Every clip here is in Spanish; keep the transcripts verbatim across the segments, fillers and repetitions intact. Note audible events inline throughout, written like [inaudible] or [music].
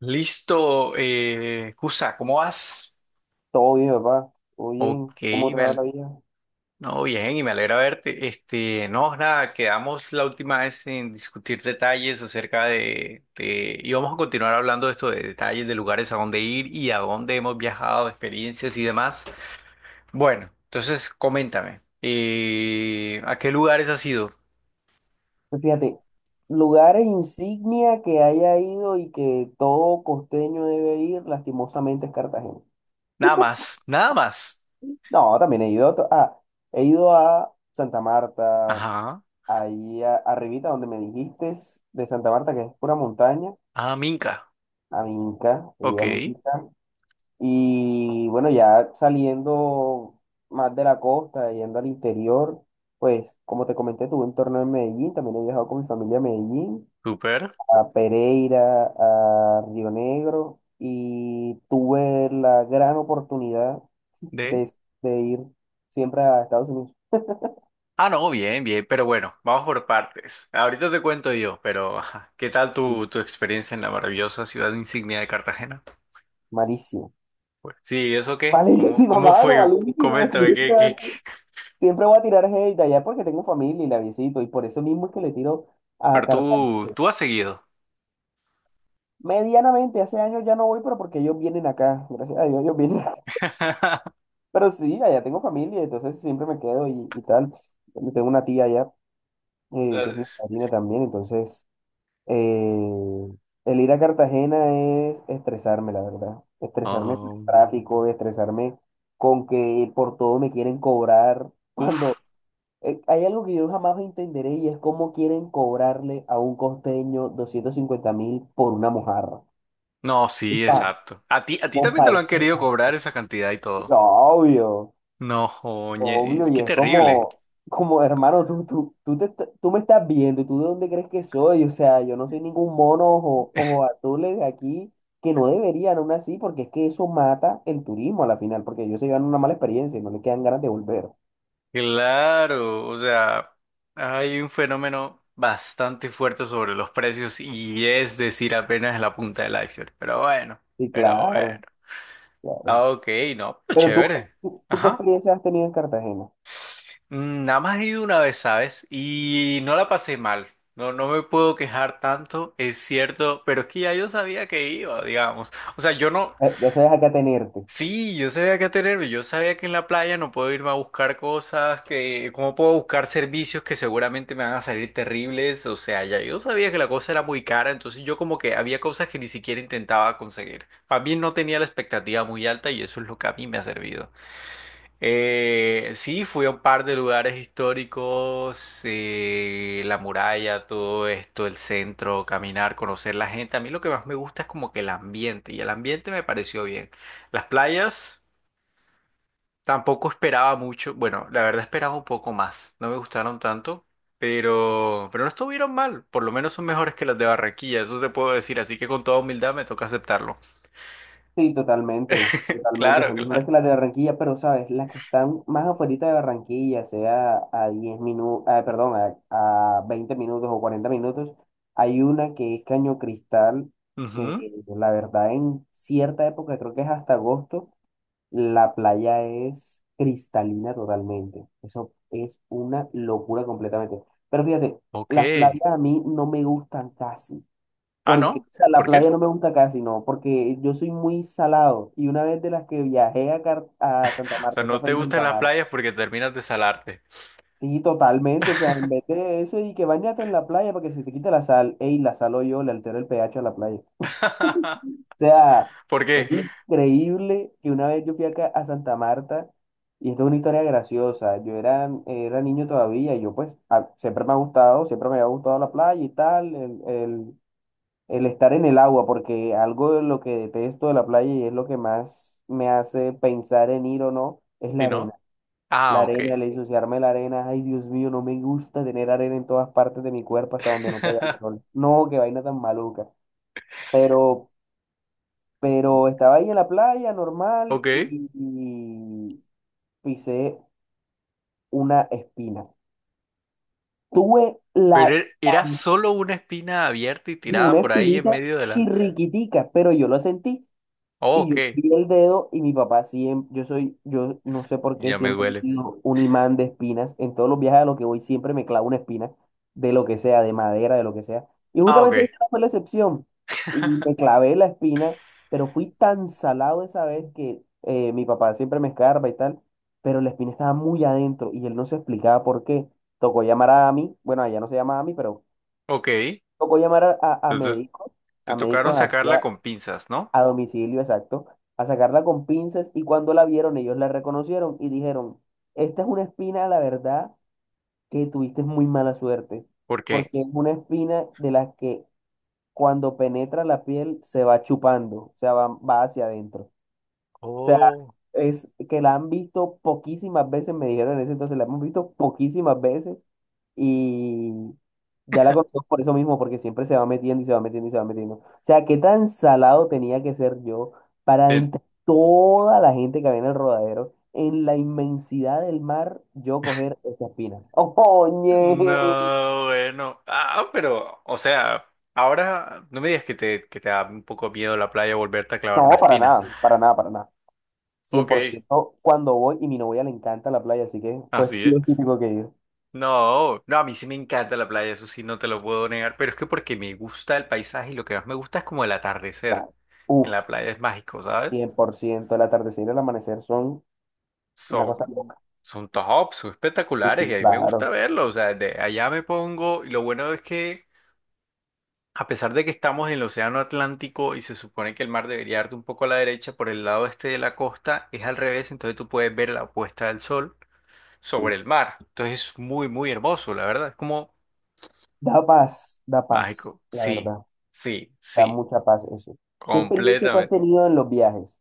Listo, eh, Cusa, ¿cómo vas? Todo bien, papá. Todo Ok, bien. ¿Cómo me trabaja la al- vida? no, bien, y me alegra verte. Este, no, nada, quedamos la última vez en discutir detalles acerca de, de- y vamos a continuar hablando de esto, de detalles, de lugares a dónde ir y a dónde hemos viajado, experiencias y demás. Bueno, entonces, coméntame, eh, ¿a qué lugares has ido? Pues fíjate, lugares insignia que haya ido y que todo costeño debe ir, lastimosamente es Cartagena. Nada más, nada más. No, también he ido a, to- ah, he ido a Santa Marta, Ajá, ahí a- arribita donde me dijiste, de Santa Marta, que es pura montaña, ah, Minca, a Minca, he ok, ido a Minca. Y bueno, ya saliendo más de la costa, yendo al interior, pues como te comenté, tuve un torneo en Medellín, también he viajado con mi familia a Medellín, súper. a Pereira, a Río Negro, y tuve la gran oportunidad de, de ir siempre a Estados Unidos. Ah, no, bien, bien, pero bueno, vamos por partes. Ahorita te cuento yo, pero ajá, ¿qué tal Y tu, tu experiencia en la maravillosa ciudad insignia de Cartagena? malísimo. Pues, sí, ¿eso [laughs] qué? ¿Cómo, Malísima, cómo mano, fue? malísima. [laughs] Coméntame, ¿qué, Siempre, qué, qué? siempre voy a tirar hate allá porque tengo familia y la visito, y por eso mismo es que le tiro a Pero Cartagena. tú, tú has seguido. Medianamente, hace años ya no voy, pero porque ellos vienen acá, gracias a Dios, ellos vienen acá. [laughs] [laughs] Pero sí, allá tengo familia, entonces siempre me quedo y, y tal. Tengo una tía allá, O eh, sea, que es mi es- padrina también, entonces eh, el ir a Cartagena es estresarme, la verdad. Estresarme con el Oh, tráfico, estresarme con que por todo me quieren cobrar. [laughs] uf, Cuando eh, hay algo que yo jamás entenderé y es cómo quieren cobrarle a un costeño doscientos cincuenta mil por una mojarra. no, sí, Pa, exacto. A ti, a ti también te compa, lo es han que querido cobrar esa cantidad y todo. no, obvio, No, oye, obvio, y qué es terrible. como, como hermano, tú, tú, tú, te est- tú me estás viendo, ¿tú de dónde crees que soy? O sea, yo no soy ningún mono o ojo azules aquí, que no deberían aún así, porque es que eso mata el turismo a la final, porque ellos se llevan una mala experiencia y no le quedan ganas de volver. Claro, o sea, hay un fenómeno bastante fuerte sobre los precios y es decir, apenas la punta del iceberg. Pero bueno, Sí, pero claro, bueno. claro. Ah, ok, no, pero Pero tú, chévere. tú, tú ¿qué Ajá. experiencia has tenido en Cartagena? Mm, nada más he ido una vez, ¿sabes? Y no la pasé mal. No, no me puedo quejar tanto, es cierto, pero es que ya yo sabía que iba, digamos. O sea, yo no. Eh, ya sabes a qué atenerte. Sí, yo sabía que atenerme, yo sabía que en la playa no puedo irme a buscar cosas, que cómo puedo buscar servicios que seguramente me van a salir terribles, o sea, ya yo sabía que la cosa era muy cara, entonces yo como que había cosas que ni siquiera intentaba conseguir. Más bien no tenía la expectativa muy alta y eso es lo que a mí me ha servido. Eh, sí, fui a un par de lugares históricos, eh, la muralla, todo esto, el centro, caminar, conocer la gente. A mí lo que más me gusta es como que el ambiente, y el ambiente me pareció bien. Las playas tampoco esperaba mucho, bueno, la verdad esperaba un poco más, no me gustaron tanto, pero, pero no estuvieron mal, por lo menos son mejores que las de Barranquilla, eso se puedo decir, así que con toda humildad me toca aceptarlo. Sí, totalmente, totalmente. Claro, Son mejores claro. que las de Barranquilla, pero sabes, las que están más afuera de Barranquilla, sea a diez minutos, perdón, a, a veinte minutos o cuarenta minutos, hay una que es Caño Cristal, Ujú, que la verdad en cierta época, creo que es hasta agosto, la playa es cristalina totalmente. Eso es una locura completamente. Pero fíjate, ok. las playas a mí no me gustan casi. Ah, Porque, no, o sea, la ¿por qué? playa no me gusta casi, no, porque yo soy muy salado. Y una vez de las que viajé a, Car- a Santa O sea, Marta, esa no fue te en gustan Santa las Marta. playas porque terminas de salarte. Sí, totalmente, o sea, en vez de eso y que bañate en la playa para que se te quite la sal, ey, la salo yo, le altero el pH a la playa. O [laughs] sea, ¿Por qué? es increíble que una vez yo fui acá a Santa Marta, y esto es una historia graciosa, yo era, era niño todavía, y yo pues a- siempre me ha gustado, siempre me había gustado la playa y tal, el, el- el estar en el agua, porque algo de lo que detesto de la playa y es lo que más me hace pensar en ir o no, es Si la no. arena. Ah, La ok. arena, el ensuciarme la arena, ay Dios mío, no me gusta tener arena en todas partes de mi cuerpo hasta donde no pega el [laughs] sol. No, qué vaina tan maluca. Pero, pero estaba ahí en la playa normal Ok. y, y pisé una espina. Tuve Pero la, er- era tan- solo una espina abierta y y tirada una por ahí en espinita medio de la. chirriquitica, pero yo lo sentí. Oh, Y yo ok. vi el dedo y mi papá siempre, yo soy, yo no sé por qué Ya me siempre he duele. sido un imán de espinas. En todos los viajes a los que voy siempre me clavo una espina, de lo que sea, de madera, de lo que sea. Y Ah, ok. justamente esta no fue la excepción. Y me [laughs] clavé la espina, pero fui tan salado esa vez que eh, mi papá siempre me escarba y tal, pero la espina estaba muy adentro y él no se explicaba por qué. Tocó llamar a mí, bueno, allá no se llama a mí, pero Ok. tocó llamar a, a, a Entonces, médicos, te a tocaron médicos sacarla hacia con pinzas, ¿no? a domicilio, exacto, a sacarla con pinzas y cuando la vieron ellos la reconocieron y dijeron, esta es una espina, la verdad, que tuviste muy mala suerte, ¿Por qué? porque es una espina de las que cuando penetra la piel se va chupando, o sea, va, va hacia adentro. O sea, Oh. es que la han visto poquísimas veces, me dijeron en ese entonces, la hemos visto poquísimas veces y ya la conocemos por eso mismo, porque siempre se va metiendo y se va metiendo y se va metiendo. O sea, qué tan salado tenía que ser yo para Del- entre toda la gente que había en el rodadero, en la inmensidad del mar, yo coger esa espina. [laughs] ¡Oye! No, bueno. Ah, pero, o sea, ahora no me digas que te, que te da un poco miedo la playa volverte a clavar No, una para espina. nada, para nada, para nada. cien por Ok. ciento cuando voy y mi novia le encanta la playa, así que pues Así sí o sí es. tengo que ir. No, no, a mí sí me encanta la playa, eso sí no te lo puedo negar, pero es que porque me gusta el paisaje y lo que más me gusta es como el atardecer. Claro. En Uf. la playa es mágico, ¿sabes? Cien por ciento el atardecer y el amanecer son una cosa Son, loca. son top, son Sí, espectaculares sí, y a mí me gusta claro. verlo, o sea, de allá me pongo y lo bueno es que a pesar de que estamos en el Océano Atlántico y se supone que el mar debería darte un poco a la derecha por el lado este de la costa, es al revés, entonces tú puedes ver la puesta del sol sobre Sí. el mar. Entonces es muy, muy hermoso, la verdad. Es como Da paz, da paz, mágico, la sí, verdad. sí, Da sí, mucha paz eso. ¿Qué experiencia tú has completamente. tenido en los viajes?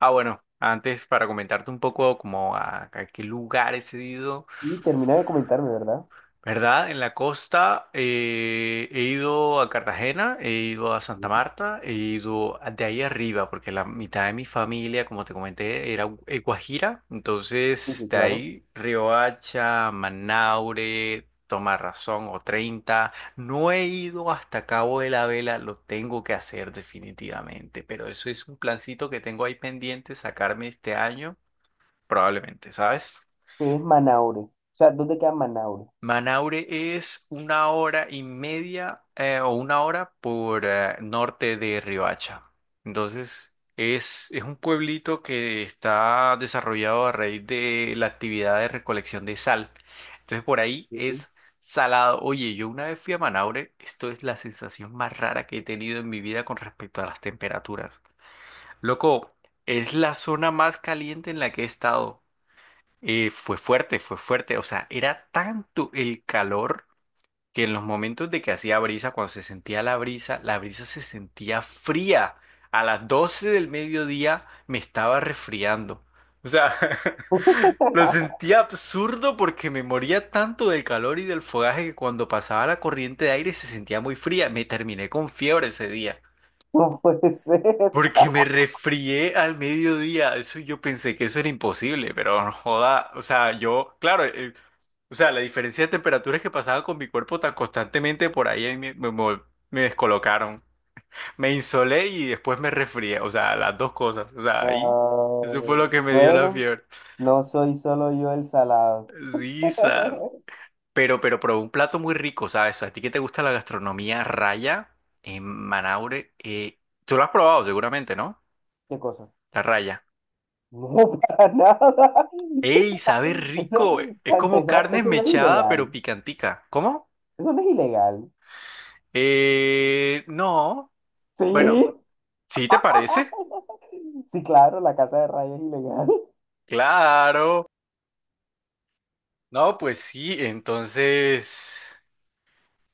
Ah, bueno, antes para comentarte un poco como a, a qué lugares he ido, Y termina de comentarme, ¿verdad? ¿verdad? En la costa eh, he ido a Cartagena, he ido a Santa Ujú, Marta, he ido a- de ahí arriba, porque la mitad de mi familia, como te comenté, era gu- eh, Guajira. sí, Entonces, sí, de claro. ahí Riohacha, Manaure, Tomarrazón o treinta. No he ido hasta Cabo de la Vela, lo tengo que hacer definitivamente, pero eso es un plancito que tengo ahí pendiente, sacarme este año, probablemente, ¿sabes? ¿Qué es Manaure? O sea, ¿dónde queda Manaure? Manaure es una hora y media eh, o una hora por eh, norte de Riohacha. Entonces, es, es un pueblito que está desarrollado a raíz de la actividad de recolección de sal. Entonces, por ahí Ujú. es salado. Oye, yo una vez fui a Manaure, esto es la sensación más rara que he tenido en mi vida con respecto a las temperaturas. Loco, es la zona más caliente en la que he estado. Eh, fue fuerte, fue fuerte. O sea, era tanto el calor que en los momentos de que hacía brisa, cuando se sentía la brisa, la brisa se sentía fría. A las doce del mediodía me estaba resfriando. O sea, [laughs] lo [laughs] sentía absurdo porque me moría tanto del calor y del fogaje que cuando pasaba la corriente de aire se sentía muy fría. Me terminé con fiebre ese día. No puede ser. [laughs] Porque me resfrié al mediodía. Eso yo pensé que eso era imposible, pero no joda. O sea, yo, claro, eh, o sea, la diferencia de temperaturas que pasaba con mi cuerpo tan constantemente por ahí me, me, me- me descolocaron. Me insolé y después me resfrié. O sea, las dos cosas. O sea, ahí, No, eso fue lo que me dio la bueno, fiebre. no soy solo yo el salado. [laughs] Sí, sas. Pero, pero, pero un plato muy rico, ¿sabes? A ti que te gusta la gastronomía raya en Manaure, eh, tú lo has probado seguramente, ¿no? ¿Qué cosa? La raya. No, para nada. ¡Ey! Sabe Eso, rico. Eh. Es para como empezar, carne eso no es mechada, ilegal. pero picantica. ¿Cómo? Eso no es ilegal. Eh, no. Sí. Bueno, ¿sí te parece? [laughs] Sí, claro, la casa de raya es ilegal. [laughs] Claro. No, pues sí. Entonces,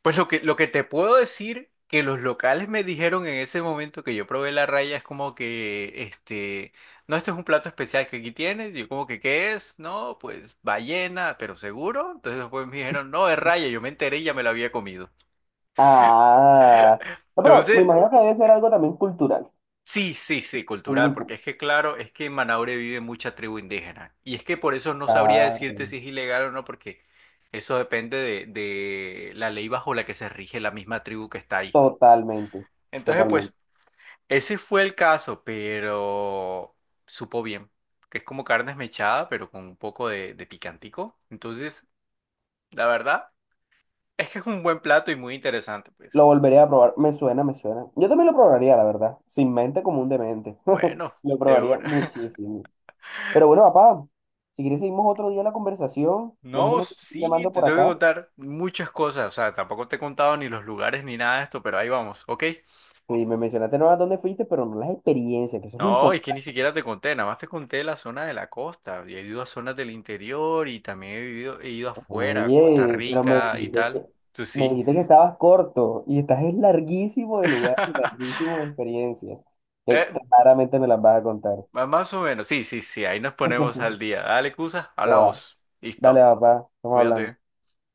pues lo que, lo que te puedo decir que los locales me dijeron en ese momento que yo probé la raya es como que, este, no, este es un plato especial que aquí tienes. Y yo como que, ¿qué es? No, pues ballena, pero seguro. Entonces después me dijeron, no, es raya. Yo me enteré y ya me la había comido. Ah. No, pero me Entonces... imagino que debe ser algo también cultural. Sí, sí, sí, Algo cultural, porque cultural. es que claro, es que en Manaure vive mucha tribu indígena. Y es que por eso no sabría Ah, decirte si es ilegal o no, porque eso depende de, de la ley bajo la que se rige la misma tribu que está ahí. totalmente. Entonces, Totalmente. pues, ese fue el caso, pero supo bien, que es como carne esmechada, pero con un poco de, de picantico. Entonces, la verdad, es que es un buen plato y muy interesante, pues. Lo volveré a probar. Me suena, me suena. Yo también lo probaría, la verdad. Sin mente como un demente. [laughs] Bueno, Lo de probaría una. muchísimo. Pero bueno, papá, si quieres seguimos otro día la conversación. Ya No, justamente me estoy sí, llamando te por tengo que acá. contar muchas cosas. O sea, tampoco te he contado ni los lugares ni nada de esto, pero ahí vamos. Ok. Sí, me mencionaste no a dónde fuiste, pero no las experiencias, que eso es lo No, es que ni importante. siquiera te conté, nada más te conté la zona de la costa. Y he ido a zonas del interior y también he vivido, he ido afuera, a Costa Oye, pero me Rica y dijiste tal. que, Tú me sí. dijiste que estabas corto y estás es larguísimo de lugar, y larguísimo de [laughs] experiencias, que Eh, claramente me las vas a contar. más o menos, sí, sí, sí, ahí nos ponemos al [laughs] día. Dale, Cusa, No va. hablamos. Dale, Listo, papá, estamos hablando. cuídate.